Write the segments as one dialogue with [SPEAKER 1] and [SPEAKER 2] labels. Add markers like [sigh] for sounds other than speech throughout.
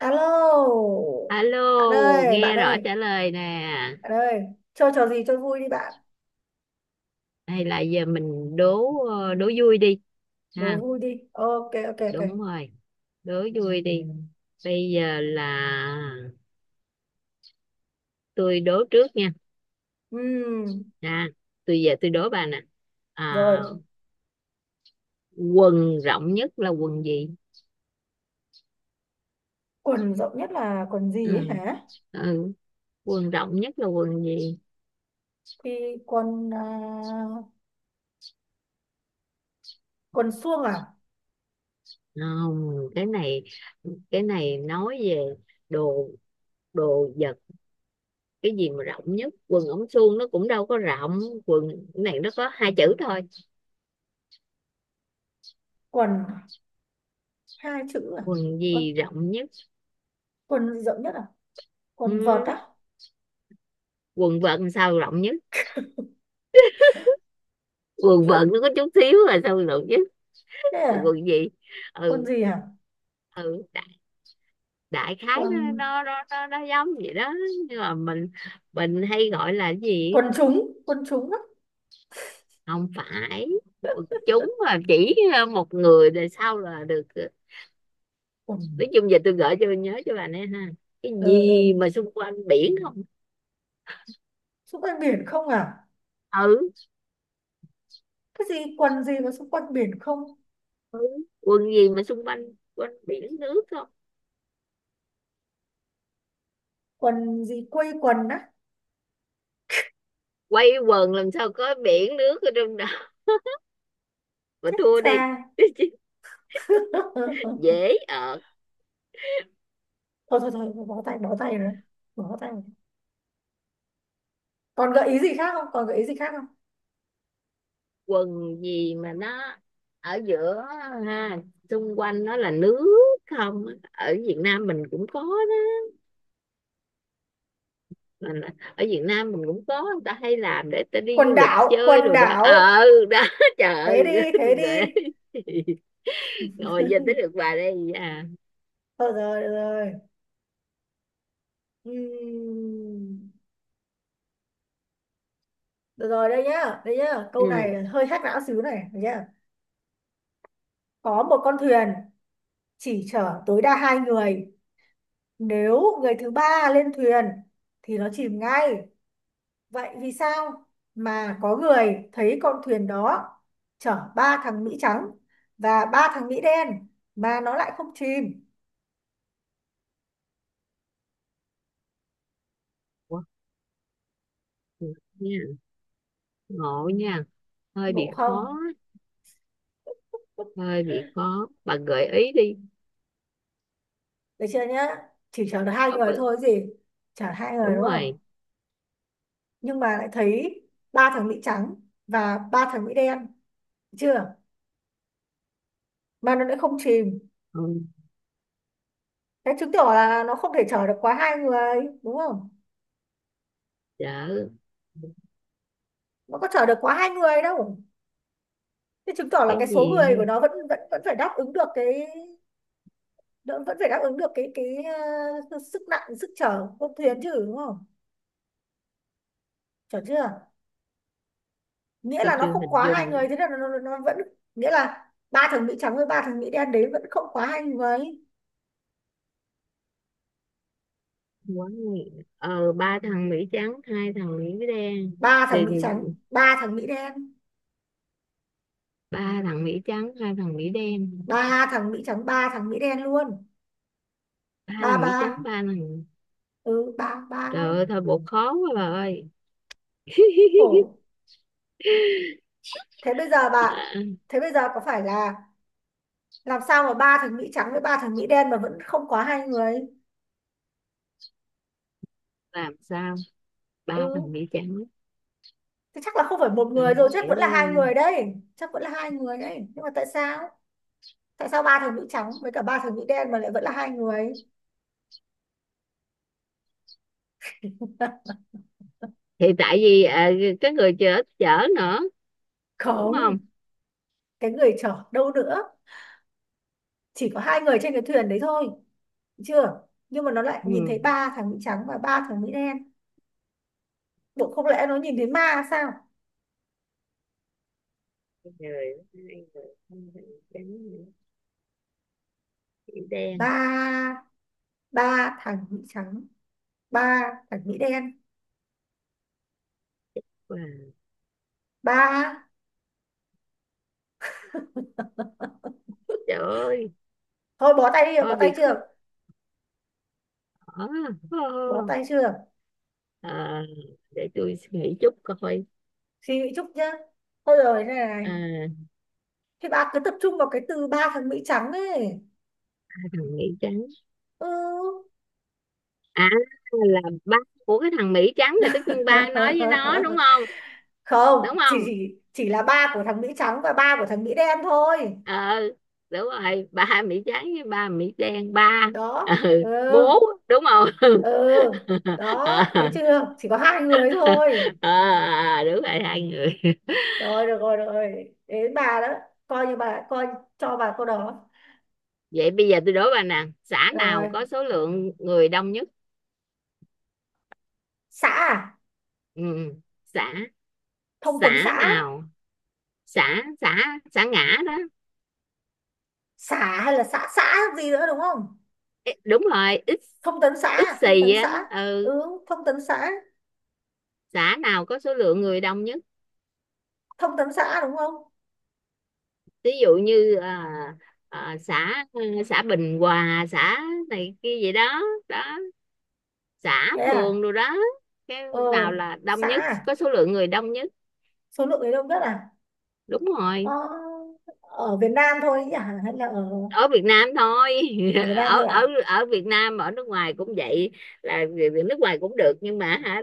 [SPEAKER 1] Alo,
[SPEAKER 2] Alo,
[SPEAKER 1] bạn ơi, bạn
[SPEAKER 2] nghe rõ
[SPEAKER 1] ơi,
[SPEAKER 2] trả lời nè.
[SPEAKER 1] bạn ơi, chơi trò gì chơi vui đi bạn,
[SPEAKER 2] Hay là giờ mình đố đố vui đi
[SPEAKER 1] đố
[SPEAKER 2] ha.
[SPEAKER 1] vui đi. Ok, ok, ok.
[SPEAKER 2] Đúng rồi, đố vui đi. Bây giờ là tôi đố trước nha.
[SPEAKER 1] Ừm,
[SPEAKER 2] Ha, tôi giờ tôi đố bà nè. À,
[SPEAKER 1] rồi,
[SPEAKER 2] quần rộng nhất là quần gì?
[SPEAKER 1] quần rộng nhất là quần gì ấy
[SPEAKER 2] Ừ,
[SPEAKER 1] hả?
[SPEAKER 2] ừ, quần rộng nhất là quần gì?
[SPEAKER 1] Thì quần à, quần suông à?
[SPEAKER 2] Không, cái này nói về đồ đồ vật, cái gì mà rộng nhất? Quần ống suông nó cũng đâu có rộng. Quần, cái này nó có hai chữ thôi.
[SPEAKER 1] Quần hai chữ à?
[SPEAKER 2] Quần
[SPEAKER 1] Quần,
[SPEAKER 2] gì rộng nhất?
[SPEAKER 1] quần rộng nhất à? Quần vợt
[SPEAKER 2] Ừ.
[SPEAKER 1] á?
[SPEAKER 2] Quần vợt sao rộng nhất? Quần vợt nó
[SPEAKER 1] [laughs]
[SPEAKER 2] có chút xíu là sao rộng nhất?
[SPEAKER 1] Thế à?
[SPEAKER 2] Quần gì?
[SPEAKER 1] Quần
[SPEAKER 2] Ừ.
[SPEAKER 1] gì hả?
[SPEAKER 2] Ừ, đại khái nó
[SPEAKER 1] Quần
[SPEAKER 2] nó nó nó, nó giống vậy đó, nhưng mà mình hay gọi là cái gì?
[SPEAKER 1] quần trúng á?
[SPEAKER 2] Không phải quần chúng, mà chỉ một người rồi sau là được.
[SPEAKER 1] Quần
[SPEAKER 2] Nói chung giờ tôi gửi cho nhớ cho bà nè ha. Cái
[SPEAKER 1] ờ ờ,
[SPEAKER 2] gì mà xung quanh biển không?
[SPEAKER 1] xung quanh biển không à?
[SPEAKER 2] Ừ,
[SPEAKER 1] Cái gì quần gì mà xung quanh biển không?
[SPEAKER 2] ừ. Quần gì mà xung quanh, quanh biển nước không?
[SPEAKER 1] Quần gì quây quần á?
[SPEAKER 2] Quay quần làm sao có biển nước ở trong đó mà
[SPEAKER 1] Chết
[SPEAKER 2] thua đi.
[SPEAKER 1] cha.
[SPEAKER 2] [laughs]
[SPEAKER 1] [laughs]
[SPEAKER 2] Dễ ở.
[SPEAKER 1] Thôi thôi thôi, bó tay rồi bó tay rồi. Còn gợi ý gì khác không?
[SPEAKER 2] Quần gì mà nó ở giữa ha, xung quanh nó là nước, không? Ở Việt Nam mình cũng có đó, mà ở Việt Nam mình cũng có, người ta hay làm để ta đi du
[SPEAKER 1] Quần
[SPEAKER 2] lịch
[SPEAKER 1] đảo, quần
[SPEAKER 2] chơi rồi đó
[SPEAKER 1] đảo!
[SPEAKER 2] đó. [laughs] Trời
[SPEAKER 1] Thế
[SPEAKER 2] ơi,
[SPEAKER 1] đi,
[SPEAKER 2] tôi
[SPEAKER 1] thế
[SPEAKER 2] gửi
[SPEAKER 1] đi.
[SPEAKER 2] ngồi giờ tới được bà đây à?
[SPEAKER 1] Thôi rồi, được rồi. Ừm, được rồi. Đây nhá, câu
[SPEAKER 2] Ừ.
[SPEAKER 1] này hơi hack não xíu này, được nhá. Có một con thuyền chỉ chở tối đa hai người, nếu người thứ ba lên thuyền thì nó chìm ngay. Vậy vì sao mà có người thấy con thuyền đó chở ba thằng Mỹ trắng và ba thằng Mỹ đen mà nó lại không chìm?
[SPEAKER 2] Ủa, nha, ngộ nha, hơi
[SPEAKER 1] Ngộ
[SPEAKER 2] bị khó,
[SPEAKER 1] không?
[SPEAKER 2] hơi bị khó, bà gợi ý đi.
[SPEAKER 1] Được chưa nhá? Chỉ chở được hai
[SPEAKER 2] Ờ,
[SPEAKER 1] người
[SPEAKER 2] bà,
[SPEAKER 1] thôi gì? Chở hai người
[SPEAKER 2] đúng
[SPEAKER 1] đúng không?
[SPEAKER 2] rồi.
[SPEAKER 1] Nhưng mà lại thấy ba thằng Mỹ trắng và ba thằng Mỹ đen, được chưa? Mà nó lại không chìm.
[SPEAKER 2] Ừ,
[SPEAKER 1] Thế chứng tỏ là nó không thể chở được quá hai người đúng không?
[SPEAKER 2] đỡ
[SPEAKER 1] Nó có chở được quá hai người đâu. Thế chứng tỏ là
[SPEAKER 2] cái
[SPEAKER 1] cái số
[SPEAKER 2] gì
[SPEAKER 1] người của
[SPEAKER 2] không?
[SPEAKER 1] nó vẫn vẫn vẫn phải đáp ứng được cái đỡ, vẫn phải đáp ứng được cái sức nặng, sức chở của thuyền chứ đúng không? Chở chưa? Nghĩa
[SPEAKER 2] Tôi
[SPEAKER 1] là nó
[SPEAKER 2] chưa
[SPEAKER 1] không
[SPEAKER 2] hình
[SPEAKER 1] quá hai
[SPEAKER 2] dung.
[SPEAKER 1] người, thế là nó vẫn, nghĩa là ba thằng Mỹ trắng với ba thằng Mỹ đen đấy vẫn không quá hai người.
[SPEAKER 2] Quá nhiều. Ba thằng Mỹ trắng hai thằng Mỹ đen
[SPEAKER 1] Ba thằng
[SPEAKER 2] thì
[SPEAKER 1] Mỹ trắng, ba thằng Mỹ đen.
[SPEAKER 2] ba thằng Mỹ trắng hai thằng Mỹ đen,
[SPEAKER 1] Ba thằng Mỹ trắng, ba thằng Mỹ đen luôn.
[SPEAKER 2] ba
[SPEAKER 1] Ba
[SPEAKER 2] thằng
[SPEAKER 1] ba,
[SPEAKER 2] Mỹ trắng ba thằng.
[SPEAKER 1] ừ ba ba.
[SPEAKER 2] Trời ơi thôi bộ khó quá bà ơi.
[SPEAKER 1] Khổ.
[SPEAKER 2] [laughs]
[SPEAKER 1] Thế bây giờ bà,
[SPEAKER 2] À,
[SPEAKER 1] thế bây giờ có phải là làm sao mà ba thằng Mỹ trắng với ba thằng Mỹ đen mà vẫn không quá hai người?
[SPEAKER 2] làm sao
[SPEAKER 1] Ừ.
[SPEAKER 2] ba thằng Mỹ trắng
[SPEAKER 1] Thế chắc là không phải một
[SPEAKER 2] ba
[SPEAKER 1] người rồi, chắc
[SPEAKER 2] thằng
[SPEAKER 1] vẫn là hai
[SPEAKER 2] Mỹ,
[SPEAKER 1] người đấy. Chắc vẫn là hai người đấy. Nhưng mà tại sao? Tại sao ba thằng nữ trắng với cả ba thằng nữ đen mà lại vẫn là hai người? [laughs]
[SPEAKER 2] thì tại vì cái người chở chở nữa đúng không?
[SPEAKER 1] Không, cái người chở đâu nữa, chỉ có hai người trên cái thuyền đấy thôi, được chưa? Nhưng mà nó lại nhìn thấy
[SPEAKER 2] Ừ.
[SPEAKER 1] ba thằng nữ trắng và ba thằng nữ đen. Bộ không lẽ nó nhìn thấy ma sao?
[SPEAKER 2] Trời ơi, hai thằng Mỹ trắng, Mỹ đen.
[SPEAKER 1] Ba, ba thằng nữ trắng, ba thằng nữ đen,
[SPEAKER 2] Wow.
[SPEAKER 1] ba.
[SPEAKER 2] Trời ơi,
[SPEAKER 1] Thôi bó tay đi,
[SPEAKER 2] thôi
[SPEAKER 1] bó tay
[SPEAKER 2] bị khứa
[SPEAKER 1] chưa? Bó
[SPEAKER 2] hở.
[SPEAKER 1] tay chưa?
[SPEAKER 2] à, để tôi suy nghĩ chút coi.
[SPEAKER 1] Suy nghĩ chút nhá. Thôi rồi này này.
[SPEAKER 2] à,
[SPEAKER 1] Thì bà cứ tập trung vào cái từ ba thằng Mỹ trắng ấy.
[SPEAKER 2] cái thằng Mỹ trắng,
[SPEAKER 1] Ừ.
[SPEAKER 2] à, là ba của cái thằng Mỹ trắng, là tất nhiên ba nói với nó đúng
[SPEAKER 1] [laughs]
[SPEAKER 2] không?
[SPEAKER 1] Không,
[SPEAKER 2] Đúng
[SPEAKER 1] chỉ,
[SPEAKER 2] không?
[SPEAKER 1] chỉ chỉ là ba của thằng Mỹ trắng và ba của thằng Mỹ đen thôi.
[SPEAKER 2] ờ Đúng rồi, ba Mỹ trắng với ba Mỹ đen, ba.
[SPEAKER 1] Đó.
[SPEAKER 2] Ừ,
[SPEAKER 1] Ừ,
[SPEAKER 2] bố, đúng không? [laughs]
[SPEAKER 1] ừ. Đó, thấy
[SPEAKER 2] à,
[SPEAKER 1] chưa? Chỉ có hai người thôi.
[SPEAKER 2] Đúng rồi, hai người.
[SPEAKER 1] Rồi, được rồi, được rồi. Đến bà đó. Coi như bà, coi cho bà câu đó.
[SPEAKER 2] Vậy bây giờ tôi đố bà nè, xã nào
[SPEAKER 1] Rồi.
[SPEAKER 2] có số lượng người đông nhất?
[SPEAKER 1] Xã à?
[SPEAKER 2] Ừ, xã
[SPEAKER 1] Thông
[SPEAKER 2] xã
[SPEAKER 1] tấn xã.
[SPEAKER 2] nào, xã xã xã ngã đó.
[SPEAKER 1] Xã hay là xã xã gì nữa đúng không?
[SPEAKER 2] Ê, đúng rồi, ít
[SPEAKER 1] Thông tấn
[SPEAKER 2] ít
[SPEAKER 1] xã, thông
[SPEAKER 2] xì
[SPEAKER 1] tấn
[SPEAKER 2] á,
[SPEAKER 1] xã.
[SPEAKER 2] ừ,
[SPEAKER 1] Ừ, thông tấn xã.
[SPEAKER 2] xã nào có số lượng người đông nhất?
[SPEAKER 1] Thông tấn xã đúng không?
[SPEAKER 2] Ví dụ như xã, xã Bình Hòa, xã này kia vậy đó, đó, xã
[SPEAKER 1] Thế à?
[SPEAKER 2] phường rồi đó. Cái
[SPEAKER 1] ờ
[SPEAKER 2] nào là đông
[SPEAKER 1] xã
[SPEAKER 2] nhất,
[SPEAKER 1] à,
[SPEAKER 2] có số lượng người đông nhất?
[SPEAKER 1] số lượng người đông nhất à?
[SPEAKER 2] Đúng
[SPEAKER 1] ờ,
[SPEAKER 2] rồi,
[SPEAKER 1] ở Việt Nam thôi ấy nhỉ, hay là ở,
[SPEAKER 2] ở Việt Nam thôi.
[SPEAKER 1] ở Việt
[SPEAKER 2] [laughs]
[SPEAKER 1] Nam
[SPEAKER 2] ở
[SPEAKER 1] thôi
[SPEAKER 2] ở
[SPEAKER 1] à?
[SPEAKER 2] ở Việt Nam, ở nước ngoài cũng vậy, là người- người nước ngoài cũng được, nhưng mà hả,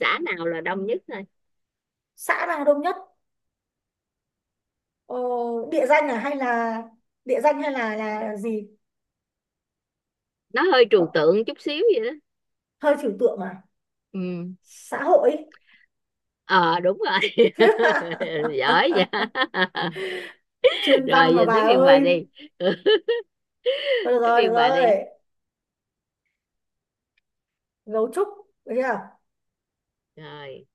[SPEAKER 2] xã nào là đông nhất thôi.
[SPEAKER 1] Xã nào đông nhất? ờ, địa danh à hay là địa danh hay là gì?
[SPEAKER 2] Nó hơi trừu tượng chút xíu vậy đó.
[SPEAKER 1] Hơi trừu tượng à?
[SPEAKER 2] Ừ.
[SPEAKER 1] Xã hội.
[SPEAKER 2] ờ Đúng rồi.
[SPEAKER 1] [laughs]
[SPEAKER 2] [laughs] Giỏi vậy. [laughs]
[SPEAKER 1] Chuyên văn
[SPEAKER 2] Rồi
[SPEAKER 1] mà
[SPEAKER 2] giờ
[SPEAKER 1] bà
[SPEAKER 2] tới phiên bà
[SPEAKER 1] ơi.
[SPEAKER 2] đi. [laughs]
[SPEAKER 1] Thôi được
[SPEAKER 2] Tới
[SPEAKER 1] rồi, được
[SPEAKER 2] phiên bà đi.
[SPEAKER 1] rồi. Gấu trúc, được chưa?
[SPEAKER 2] Rồi,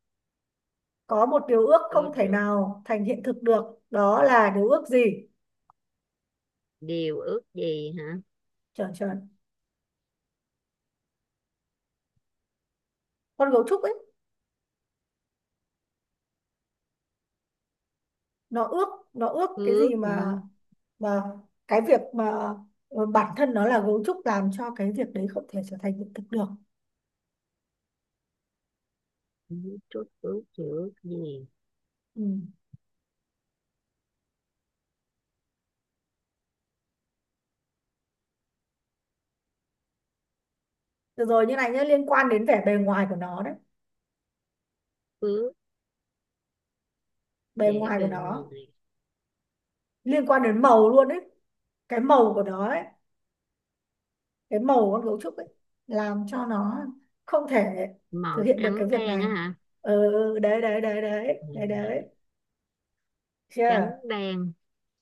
[SPEAKER 1] Có một điều ước không
[SPEAKER 2] cô
[SPEAKER 1] thể
[SPEAKER 2] trước.
[SPEAKER 1] nào thành hiện thực được, đó là điều ước gì?
[SPEAKER 2] Điều ước gì hả?
[SPEAKER 1] Chuẩn chuẩn, con gấu trúc ấy, nó ước, nó ước cái
[SPEAKER 2] Phước
[SPEAKER 1] gì
[SPEAKER 2] hả?
[SPEAKER 1] mà. Và cái việc mà bản thân nó là gấu trúc làm cho cái việc đấy không thể trở thành hiện thực được.
[SPEAKER 2] Chút ước gì, ước gì?
[SPEAKER 1] Ừ. Được rồi như này nhé, liên quan đến vẻ bề ngoài của nó đấy.
[SPEAKER 2] Phước.
[SPEAKER 1] Bề
[SPEAKER 2] Dễ
[SPEAKER 1] ngoài
[SPEAKER 2] bề
[SPEAKER 1] của nó
[SPEAKER 2] ngoài.
[SPEAKER 1] liên quan đến màu luôn đấy. Cái màu của nó ấy, cái màu của con gấu trúc ấy làm cho nó không thể thực
[SPEAKER 2] Màu
[SPEAKER 1] hiện được
[SPEAKER 2] trắng
[SPEAKER 1] cái việc
[SPEAKER 2] đen á
[SPEAKER 1] này.
[SPEAKER 2] hả?
[SPEAKER 1] Ừ, ừ, ừ, đấy đấy đấy đấy, đấy
[SPEAKER 2] Ừ.
[SPEAKER 1] đấy.
[SPEAKER 2] Trắng
[SPEAKER 1] Chưa?
[SPEAKER 2] đen,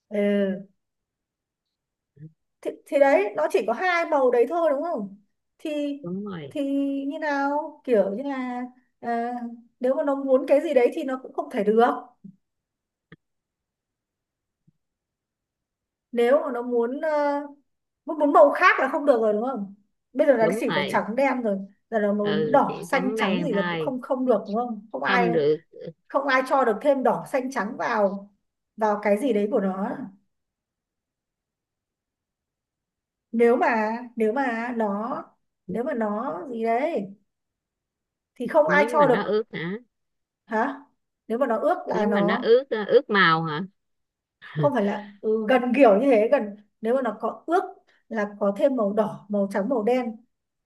[SPEAKER 1] Ừ. Thì đấy, nó chỉ có hai màu đấy thôi đúng không? Thì,
[SPEAKER 2] đúng rồi,
[SPEAKER 1] thì như nào, kiểu như là à, nếu mà nó muốn cái gì đấy thì nó cũng không thể được. Nếu mà nó muốn muốn muốn màu khác là không được rồi đúng không? Bây giờ là nó
[SPEAKER 2] đúng
[SPEAKER 1] chỉ có
[SPEAKER 2] rồi.
[SPEAKER 1] trắng đen rồi, giờ nó muốn
[SPEAKER 2] Ừ,
[SPEAKER 1] đỏ
[SPEAKER 2] chỉ
[SPEAKER 1] xanh
[SPEAKER 2] trắng
[SPEAKER 1] trắng
[SPEAKER 2] đen
[SPEAKER 1] gì là cũng
[SPEAKER 2] thôi,
[SPEAKER 1] không, không được đúng không, không ai,
[SPEAKER 2] không được.
[SPEAKER 1] không ai cho được thêm đỏ xanh trắng vào, vào cái gì đấy của nó. Nếu mà nếu mà nó nếu mà nó gì đấy thì không ai
[SPEAKER 2] Nếu mà
[SPEAKER 1] cho được.
[SPEAKER 2] nó ướt hả?
[SPEAKER 1] Hả? Nếu mà nó ước là
[SPEAKER 2] Nếu mà nó
[SPEAKER 1] nó,
[SPEAKER 2] ướt, ướt màu hả?
[SPEAKER 1] không phải là gần kiểu như thế, gần, nếu mà nó có ước là có thêm màu đỏ màu trắng màu đen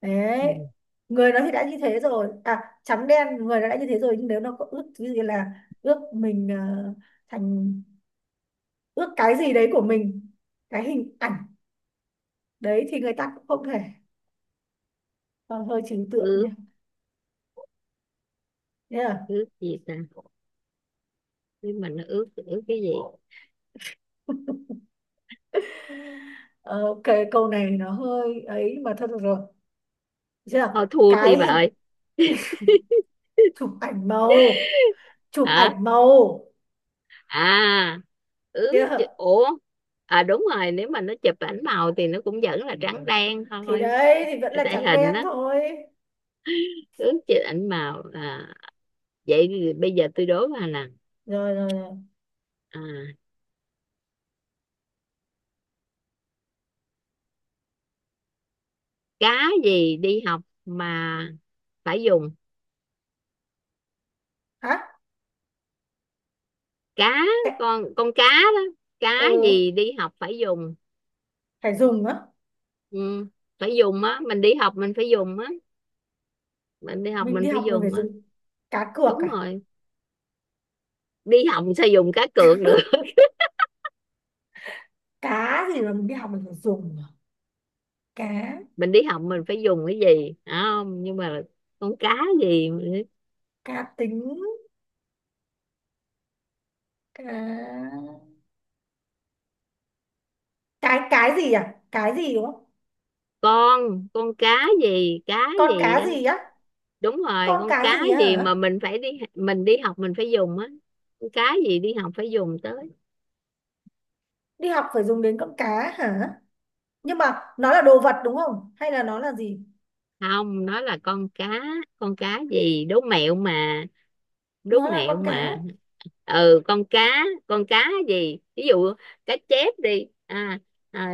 [SPEAKER 1] đấy.
[SPEAKER 2] Ừ.
[SPEAKER 1] Người nó thì đã như thế rồi à, trắng đen, người nó đã như thế rồi, nhưng nếu nó có ước thứ gì, là ước mình thành, ước cái gì đấy của mình, cái hình ảnh đấy thì người ta cũng không thể. Ờ, hơi trừu tượng
[SPEAKER 2] Ướt,
[SPEAKER 1] nha. Thế là
[SPEAKER 2] ướt gì ta? Nhưng mình nó ướt, ướt cái gì?
[SPEAKER 1] ờ, ok, câu này nó hơi ấy mà thôi được rồi. Được chưa?
[SPEAKER 2] Thôi thua thì
[SPEAKER 1] Cái
[SPEAKER 2] bà
[SPEAKER 1] hình
[SPEAKER 2] ơi.
[SPEAKER 1] chụp ảnh màu, chụp
[SPEAKER 2] Hả?
[SPEAKER 1] ảnh màu.
[SPEAKER 2] À, ướt chứ-
[SPEAKER 1] Được,
[SPEAKER 2] ủa. À, đúng rồi, nếu mà nó chụp ảnh màu thì nó cũng vẫn là trắng đen
[SPEAKER 1] thì
[SPEAKER 2] thôi.
[SPEAKER 1] đấy thì vẫn là
[SPEAKER 2] Tại
[SPEAKER 1] trắng
[SPEAKER 2] hình
[SPEAKER 1] đen
[SPEAKER 2] đó.
[SPEAKER 1] thôi.
[SPEAKER 2] Ướt chụp ảnh màu à? Vậy thì bây giờ tôi đố bà nè,
[SPEAKER 1] Rồi rồi rồi.
[SPEAKER 2] à, cá gì đi học mà phải dùng.
[SPEAKER 1] Hả?
[SPEAKER 2] Cá,
[SPEAKER 1] Cái-
[SPEAKER 2] con cá đó,
[SPEAKER 1] ừ,
[SPEAKER 2] cá gì đi học phải dùng?
[SPEAKER 1] phải dùng á.
[SPEAKER 2] Ừ, phải dùng á, mình đi học mình phải dùng á, mình đi học
[SPEAKER 1] Mình
[SPEAKER 2] mình
[SPEAKER 1] đi
[SPEAKER 2] phải
[SPEAKER 1] học mình phải
[SPEAKER 2] dùng á.
[SPEAKER 1] dùng cá cược
[SPEAKER 2] Đúng
[SPEAKER 1] à?
[SPEAKER 2] rồi, đi học sao dùng cá cược được?
[SPEAKER 1] Cá gì mà mình đi học mình phải dùng à? Cá,
[SPEAKER 2] Mình đi học mình phải dùng cái gì, không nhưng mà, con cá gì,
[SPEAKER 1] cá tính, cá, cái gì à, cái gì đúng không?
[SPEAKER 2] con cá gì, cá
[SPEAKER 1] Con cá
[SPEAKER 2] gì á?
[SPEAKER 1] gì á?
[SPEAKER 2] Đúng rồi,
[SPEAKER 1] Con
[SPEAKER 2] con
[SPEAKER 1] cá
[SPEAKER 2] cá
[SPEAKER 1] gì á
[SPEAKER 2] gì mà
[SPEAKER 1] hả?
[SPEAKER 2] mình phải đi, mình đi học mình phải dùng á. Con cá gì đi học phải dùng tới?
[SPEAKER 1] Đi học phải dùng đến con cá hả? Nhưng mà nó là đồ vật đúng không hay là nó là gì?
[SPEAKER 2] Không, nó là con cá, con cá gì, đố mẹo mà, đố
[SPEAKER 1] Nó là con
[SPEAKER 2] mẹo
[SPEAKER 1] cá.
[SPEAKER 2] mà. Ừ, con cá, con cá gì, ví dụ cá chép đi, à,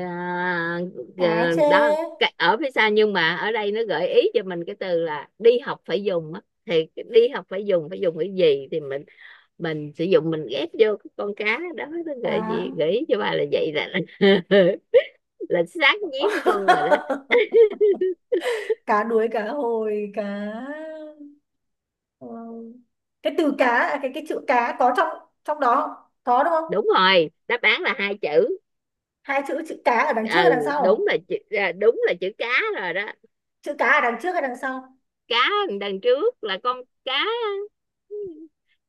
[SPEAKER 1] Cá
[SPEAKER 2] ờ,
[SPEAKER 1] chê,
[SPEAKER 2] đó. Cái- ở phía sau, nhưng mà ở đây nó gợi ý cho mình cái từ là đi học phải dùng á, thì cái đi học phải dùng, cái gì thì mình sử dụng mình ghép vô cái con cá đó, nó
[SPEAKER 1] cá.
[SPEAKER 2] gợi ý cho bà là vậy là. [laughs] Là sát nhiếp luôn rồi đó.
[SPEAKER 1] [laughs] Cá đuối, cá hồi, cá. Ờ, cái từ cá à, cái chữ cá có trong, trong đó không? Có đúng không?
[SPEAKER 2] Đúng rồi, đáp án là hai chữ.
[SPEAKER 1] Hai chữ, chữ cá ở đằng trước hay đằng
[SPEAKER 2] Ừ, đúng
[SPEAKER 1] sau?
[SPEAKER 2] là chữ, đúng là chữ cá rồi đó.
[SPEAKER 1] Chữ cá ở đằng trước hay đằng sau?
[SPEAKER 2] Cá đằng trước là con cá,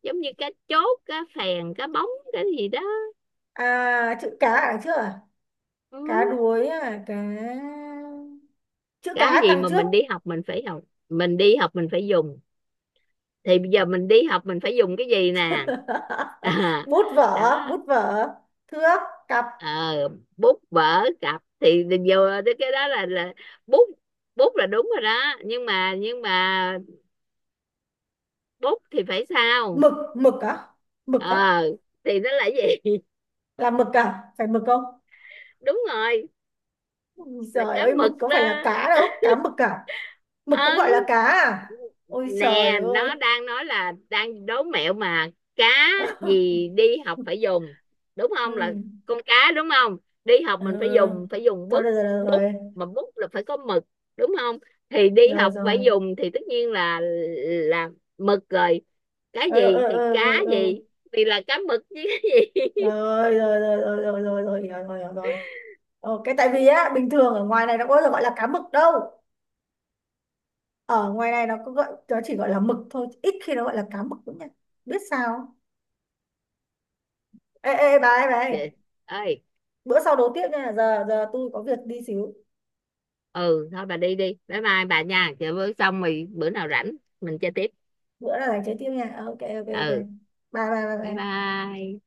[SPEAKER 2] giống như cá chốt cá phèn cá bóng cái gì đó.
[SPEAKER 1] À, chữ cá ở đằng trước à? Cá
[SPEAKER 2] Ừ.
[SPEAKER 1] đuối à, cá, chữ
[SPEAKER 2] Cá
[SPEAKER 1] cá
[SPEAKER 2] gì
[SPEAKER 1] đằng
[SPEAKER 2] mà
[SPEAKER 1] trước.
[SPEAKER 2] mình đi học mình phải học, mình đi học mình phải dùng? Thì bây giờ mình đi học mình phải dùng cái gì nè?
[SPEAKER 1] [laughs]
[SPEAKER 2] à,
[SPEAKER 1] Bút
[SPEAKER 2] Đó.
[SPEAKER 1] vở, bút vở, thước, cặp,
[SPEAKER 2] ờ, Bút vở cặp thì vô, cái đó là bút. Bút là đúng rồi đó, nhưng mà, bút thì phải sao?
[SPEAKER 1] mực, mực á,
[SPEAKER 2] ờ
[SPEAKER 1] mực á.
[SPEAKER 2] à, thì nó là gì?
[SPEAKER 1] Là mực à, phải mực không?
[SPEAKER 2] [laughs] Đúng rồi,
[SPEAKER 1] Ui
[SPEAKER 2] là
[SPEAKER 1] trời
[SPEAKER 2] cá
[SPEAKER 1] ơi, mực
[SPEAKER 2] mực
[SPEAKER 1] có phải là
[SPEAKER 2] đó.
[SPEAKER 1] cá đâu, cá mực à? Mực cũng gọi là
[SPEAKER 2] Ừ,
[SPEAKER 1] cá à? Ôi trời
[SPEAKER 2] nè
[SPEAKER 1] ơi.
[SPEAKER 2] nó đang nói là đang đố mẹo mà, cá gì đi học phải
[SPEAKER 1] [laughs]
[SPEAKER 2] dùng, đúng không, là
[SPEAKER 1] Ừ.
[SPEAKER 2] con cá đúng không? Đi học mình phải dùng,
[SPEAKER 1] Ừ. Thôi
[SPEAKER 2] bút,
[SPEAKER 1] được rồi, được
[SPEAKER 2] bút
[SPEAKER 1] rồi.
[SPEAKER 2] mà bút là phải có mực, đúng không? Thì đi
[SPEAKER 1] Rồi
[SPEAKER 2] học
[SPEAKER 1] rồi.
[SPEAKER 2] phải dùng thì tất nhiên là là mực rồi. Cái
[SPEAKER 1] Ờ ờ
[SPEAKER 2] gì thì
[SPEAKER 1] ờ ờ
[SPEAKER 2] cá
[SPEAKER 1] ờ.
[SPEAKER 2] gì, thì là cá mực chứ. [laughs]
[SPEAKER 1] Ờ. Rồi rồi rồi rồi rồi rồi rồi, hiểu rồi, hiểu rồi. Ờ, cái tại vì á, bình thường ở ngoài này nó có bao giờ gọi là cá mực đâu. Ở ngoài này nó có gọi, nó chỉ gọi là mực thôi, ít khi nó gọi là cá mực lắm nha. Biết sao không? Ê ê bà ơi, bà ơi,
[SPEAKER 2] Chị ơi,
[SPEAKER 1] bữa sau đấu tiếp nha, giờ giờ tôi có việc đi xíu.
[SPEAKER 2] ừ thôi bà đi đi, bye bye bà nha, chờ bữa xong rồi bữa nào rảnh mình chơi tiếp.
[SPEAKER 1] Bữa là dành chơi tiếp nha. Ờ, ok ok ok.
[SPEAKER 2] Ừ,
[SPEAKER 1] Bye bye bye
[SPEAKER 2] bye
[SPEAKER 1] bye.
[SPEAKER 2] bye.